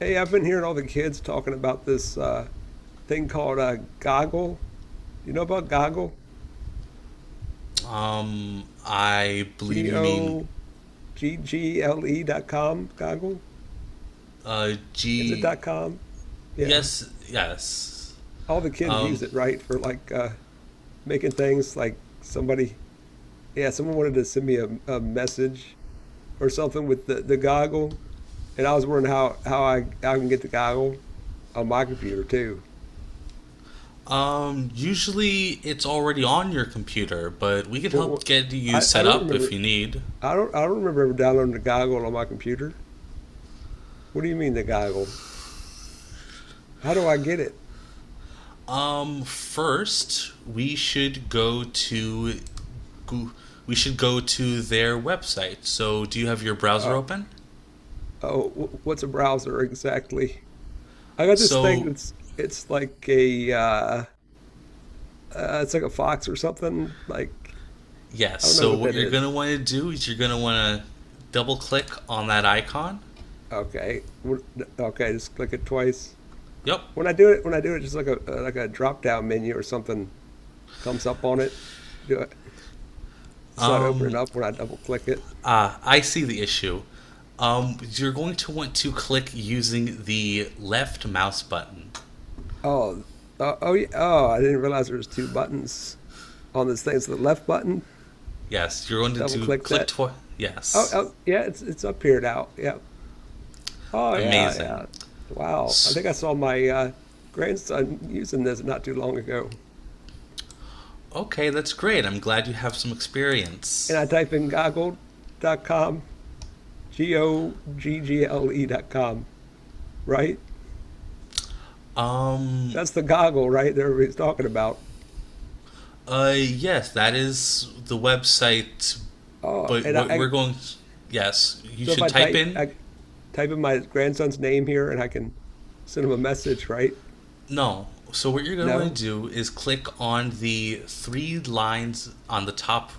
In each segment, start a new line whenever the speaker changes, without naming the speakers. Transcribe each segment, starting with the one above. Hey, I've been hearing all the kids talking about this thing called Goggle. Do you know about Goggle?
I believe
G
you mean
O G G L E dot com. Goggle? Is it
G.
dot com? Yeah.
Yes, yes.
All the kids
Um,
use it, right? For like making things like somebody, yeah, someone wanted to send me a message or something with the goggle. And I was wondering how I can get the goggle on my computer too.
Usually it's already on your computer, but we can
What, what,
help get you
I
set
don't
up if
remember.
you need.
I don't remember ever downloading the goggle on my computer. What do you mean the goggle? How do I get it?
First we should go to Goo- we should go to their website. So, do you have your browser
Uh,
open?
oh, what's a browser exactly? I got this thing
So,
that's it's like a fox or something. Like
yes.
I don't know
So,
what
what
that
you're going
is.
to want to do is you're going to want to double click on that icon.
Okay, What- okay, just click it twice.
Yep.
When I do it, just like a drop down menu or something comes up on it. Do it. It's not opening
Um
up when I double click it.
I see the issue. You're going to want to click using the left mouse button.
Oh, oh, oh, yeah. Oh, I didn't realize there was two buttons on this thing. So the left button,
Yes, you're going to
double
do
click
click
that.
twice.
Oh,
Yes,
oh, yeah, it's up here now. Yeah. Oh yeah,
amazing.
yeah. Wow. I think I saw my grandson using this not too long ago.
Okay, that's great. I'm glad you have some
And
experience.
I type in Goggle.com, G O G G L E.com, right?
Um,
That's the goggle, right? That everybody's talking about.
yes, that is the website.
Oh,
But
and
what
I
we're going, yes, you
so if
should
I
type
type
in.
I type in my grandson's name here and I can send him a message, right?
No. So what you're going to want
No?
to do is click on the three lines on the top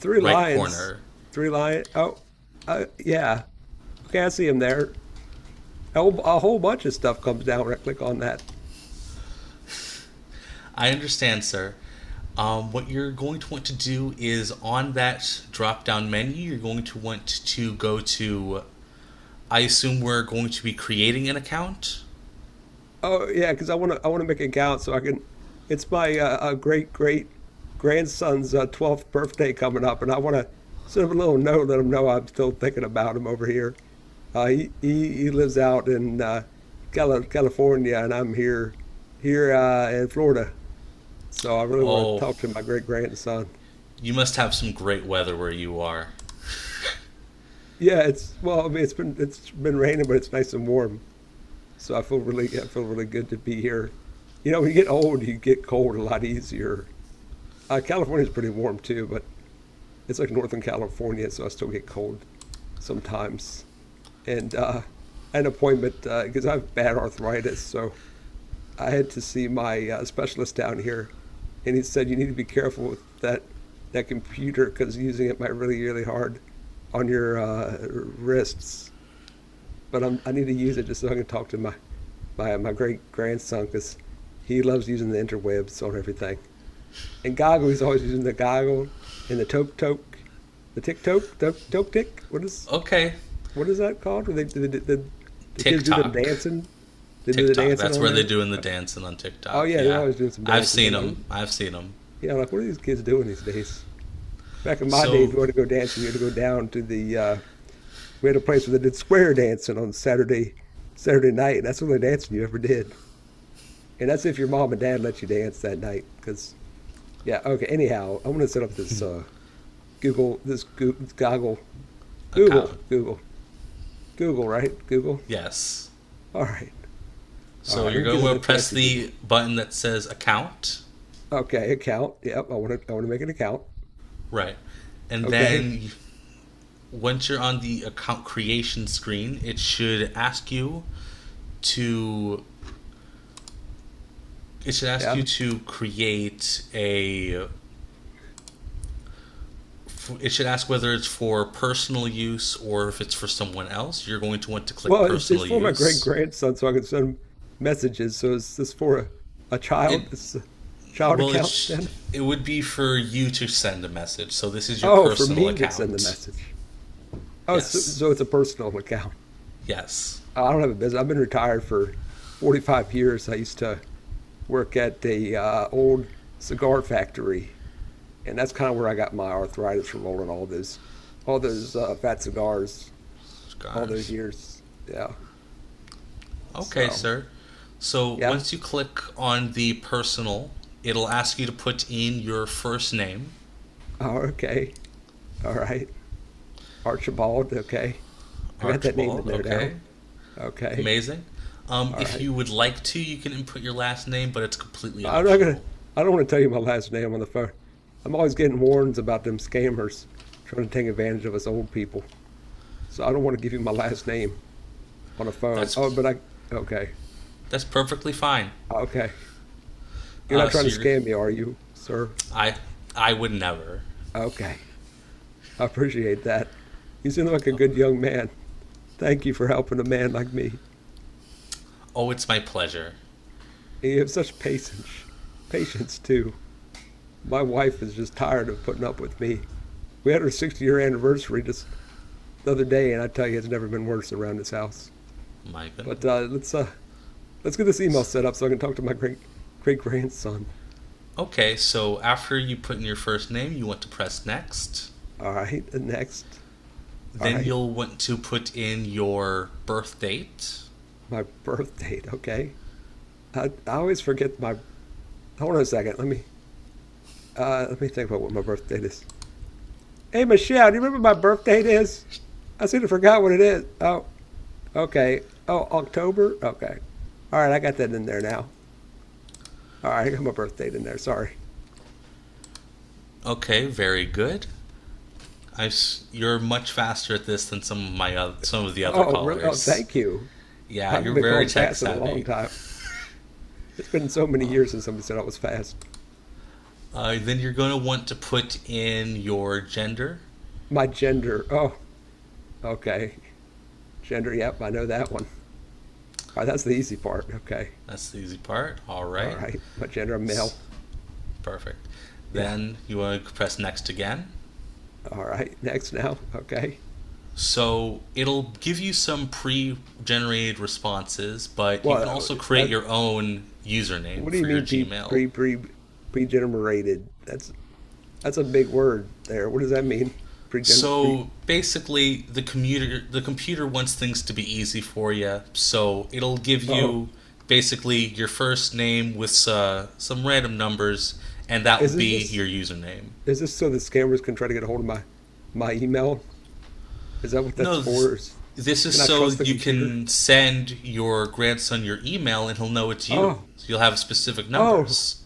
Three
right
lions.
corner.
Three lion. Oh, yeah. Okay, I see him there. A whole bunch of stuff comes down when I click on that.
I understand, sir. What you're going to want to do is on that drop down menu, you're going to want to go to. I assume we're going to be creating an account.
Oh yeah, because I want to make a gown so I can. It's my great great grandson's 12th birthday coming up, and I want to send him a little note, let him know I'm still thinking about him over here. He lives out in California, and I'm here in Florida. So I really want to
Oh,
talk to my great grandson.
you must have some great weather where you are.
Yeah, it's well, I mean, it's been raining, but it's nice and warm. So I feel really good to be here. You know, when you get old, you get cold a lot easier. California's pretty warm too, but it's like Northern California, so I still get cold sometimes. And an appointment because I have bad arthritis, so I had to see my specialist down here, and he said you need to be careful with that computer because using it might really really hard on your wrists. But I need to use it just so I can talk to my great grandson because he loves using the interwebs on everything. And Goggle, he's always using the goggle and the toke toke, the tick toke, toke toke tick. What is
Okay,
what is that called? When they kids do them
TikTok.
dancing. They do the
TikTok.
dancing
That's
on
where they're
there.
doing the dancing on
Oh
TikTok.
yeah, they're
Yeah,
always doing some
I've
dances.
seen them. I've seen them.
Yeah, I'm like what are these kids doing these days? Back in my day, if
So,
you wanted to go dancing, you had to go down to the. We had a place where they did square dancing on Saturday night. That's the only dancing you ever did, and that's if your mom and dad let you dance that night. Because yeah, okay. Anyhow, I'm gonna set up this Google this goggle
account.
Google, Google, Google, right? Google.
Yes.
All right. All
So
right.
you're
Let me get
going
up
to
that
press
fancy Google.
the button that says account.
Okay, account. Yep. I want to make an account.
Right. And
Okay.
then once you're on the account creation screen, it should ask you to it should ask you
Yeah.
to create a it should ask whether it's for personal use or if it's for someone else. You're going to want to click
Well, it's
personal
for my great
use.
grandson so I can send him messages. So is this for a
It
child? Is this a child
Well,
account
it's
then?
it would be for you to send a message. So this is your
Oh, for
personal
me to send the
account.
message. Oh, so,
Yes.
so it's a personal account.
Yes.
I don't have a business. I've been retired for 45 years. I used to work at the old cigar factory and that's kind of where I got my arthritis from rolling all those fat cigars, all those
Scars.
years. Yeah.
Okay,
So
sir. So
yeah.
once you click on the personal, it'll ask you to put in your first name,
Oh, okay. All right. Archibald. Okay. I got that name in
Archibald.
there now.
Okay,
Okay.
amazing.
All
If
right.
you would like to, you can input your last name, but it's completely
I'm not gonna.
optional.
I don't want to tell you my last name on the phone. I'm always getting warnings about them scammers trying to take advantage of us old people. So I don't want to give you my last name on the phone. Oh,
That's
but I. Okay.
that's perfectly fine.
Okay. You're not
Uh,
trying
so
to
you're,
scam me, are you, sir?
I I would never.
Okay. I appreciate that. You seem like a good young man. Thank you for helping a man like me.
Oh, it's my pleasure.
And you have such patience. Patience, too. My wife is just tired of putting up with me. We had our 60-year anniversary just the other day, and I tell you, it's never been worse around this house.
My goodness.
But let's get this email set up so I can talk to my great great grandson.
Okay, so after you put in your first name, you want to press next.
All right, next. All
Then
right,
you'll want to put in your birth date.
my birth date. Okay, I always forget my. Hold on a second. Let me think about what my birth date is. Hey, Michelle, do you remember my birthday is? I sort of forgot what it is. Oh, okay. Oh, October? Okay. All right, I got that in there now. All right, I got my birth date in there. Sorry.
Okay, very good. You're much faster at this than some of some of the other
Oh, really? Oh,
callers.
thank you. I
Yeah,
haven't
you're
been
very
called
tech
fast in a long
savvy.
time. It's been so many years since somebody said I was fast.
Then you're going to want to put in your gender.
My gender. Oh, okay. Gender. Yep, I know that one. All right, that's the easy part. Okay.
That's the easy part. All
All
right,
right. My gender, I'm
S-
male.
perfect.
Yeah.
Then you want to press next again.
All right. Next now. Okay.
So it'll give you some pre-generated responses, but you can
Well,
also create
that,
your own username
what do
for
you
your
mean
Gmail.
pregenerated? That's a big word there. What does that mean? Pregen pre
So basically, the computer wants things to be easy for you, so it'll give
Oh.
you basically your first name with some random numbers, and that will
Is this
be
just
your username.
is this so the scammers can try to get a hold of my email? Is that what that's
No, this,
for?
this is
Can I
so
trust the
you
computer?
can send your grandson your email, and he'll know it's you.
Oh,
So you'll have specific
oh,
numbers.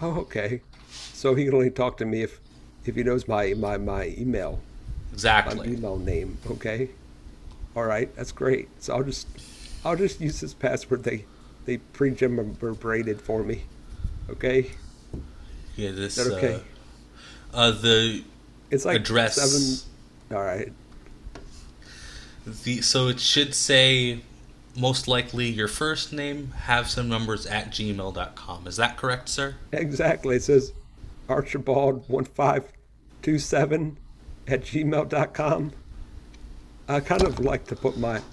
oh, okay. So he can only talk to me if he knows my email, my
Exactly.
email name, okay? All right, that's great. So I'll just use this password they pre-generated for me, okay?
Yeah,
Is that
this
okay?
the
It's like seven.
address.
All right.
So it should say most likely your first name, have some numbers@gmail.com. Is that correct, sir?
Exactly. It says Archibald1527 at gmail dot com. I kind of like to put my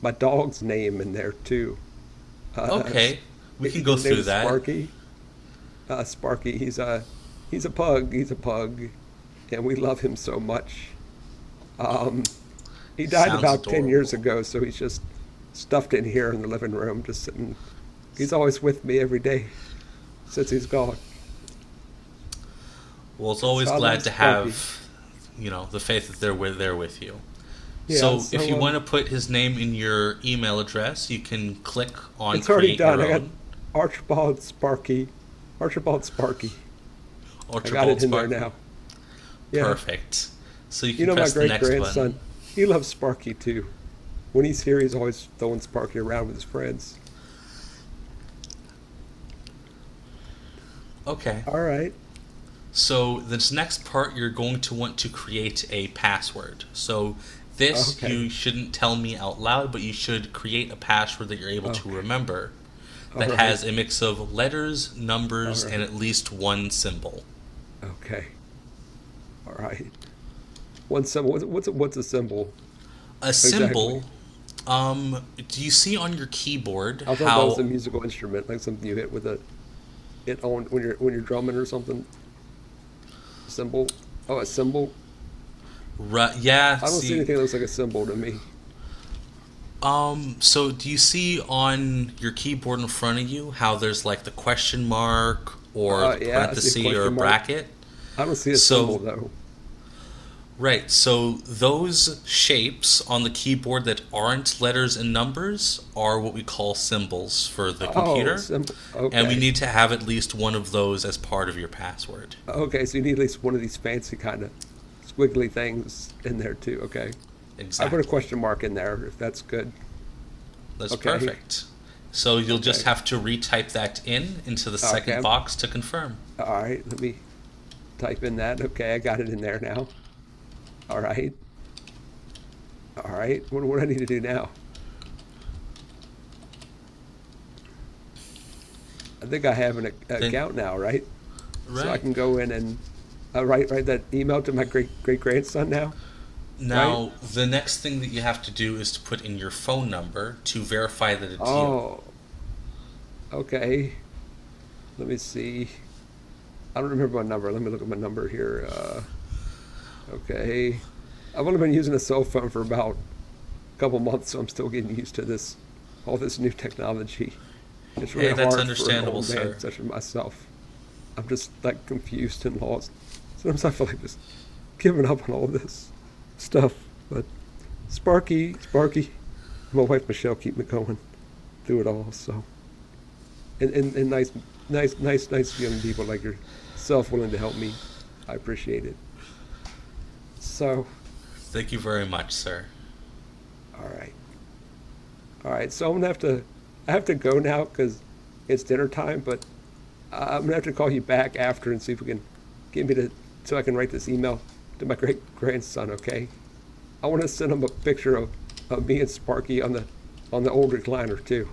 my dog's name in there too. Uh,
Okay, we can
his
go
name
through
is
that.
Sparky. Sparky, he's a pug. He's a pug, and we love him so much. Um, he died
Sounds
about 10 years
adorable.
ago, so he's just stuffed in here in the living room, just sitting. He's always with me every day since he's gone.
Well, it's
It's
always
I
glad
love
to
Sparky.
have, You know, the faith that there with you.
Yeah,
So if
so
you want to put his name in your email address, you can click on
it's already
create your
done. I got
own.
Archibald Sparky. Archibald Sparky. I got it
Archibald
in there
Sparky?
now. Yeah.
Perfect. So you
You
can
know my
press the
great
next button.
grandson. He loves Sparky too. When he's here he's always throwing Sparky around with his friends.
Okay.
All right.
So, this next part, you're going to want to create a password. So, this
Okay.
you shouldn't tell me out loud, but you should create a password that you're able to
Okay.
remember
All
that
right.
has a mix of letters,
All
numbers, and
right.
at least one symbol.
Okay. All right. One symbol. What's a symbol?
A symbol,
Exactly.
do you see on your keyboard
I thought that was
how.
a musical instrument, like something you hit with a it on when you're drumming or something. Symbol. Oh, a symbol.
Yeah,
I don't see
see.
anything that looks like a symbol to me.
So do you see on your keyboard in front of you how there's like the question mark or the
Yeah, I see a
parenthesis or a
question mark.
bracket?
I don't see a symbol
So,
though.
right. So, those shapes on the keyboard that aren't letters and numbers are what we call symbols for the
Oh,
computer.
symbol.
And we
Okay.
need to have at least one of those as part of your password.
Okay, so you need at least one of these fancy kind of squiggly things in there too. Okay. I put a
Exactly.
question mark in there if that's good.
That's
Okay.
perfect. So, you'll just
Okay.
have to retype that in into the
Okay.
second box to confirm.
All right. Let me type in that. Okay. I got it in there now. All right. All right. What do I need to do now? I think I have an
Then,
account now, right? So I
right.
can go in and write that email to my great great grandson now, right?
Now, the next thing that you have to do is to put in your phone number to verify that it's you.
Oh, okay. Let me see. I don't remember my number. Let me look at my number here. Okay. I've only been using a cell phone for about a couple months, so I'm still getting used to this, all this new technology. It's
Hey,
really
that's
hard for an
understandable,
old man
sir.
such as myself. I'm just like confused and lost. Sometimes I feel like just giving up on all this stuff. But Sparky, and my wife Michelle keep me going through it all. So and nice young people like yourself willing to help me. I appreciate it. So
Thank you very much, sir.
all right. All right. So I have to go now because it's dinner time, but I'm gonna have to call you back after and see if we can get me to so I can write this email to my great grandson, okay? I wanna send him a picture of me and Sparky on the old recliner too.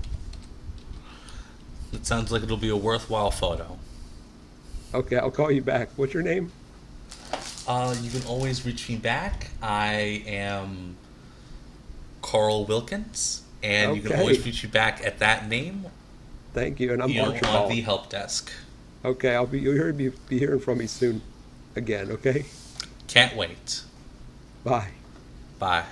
It sounds like it'll be a worthwhile photo.
Okay, I'll call you back. What's your name?
You can always reach me back. I am Carl Wilkins, and you can always
Okay.
reach me back at that name,
Thank you. And I'm
you know, on the
Archibald.
help desk.
Okay, I'll be you'll be hearing from me soon again, okay?
Can't wait.
Bye.
Bye.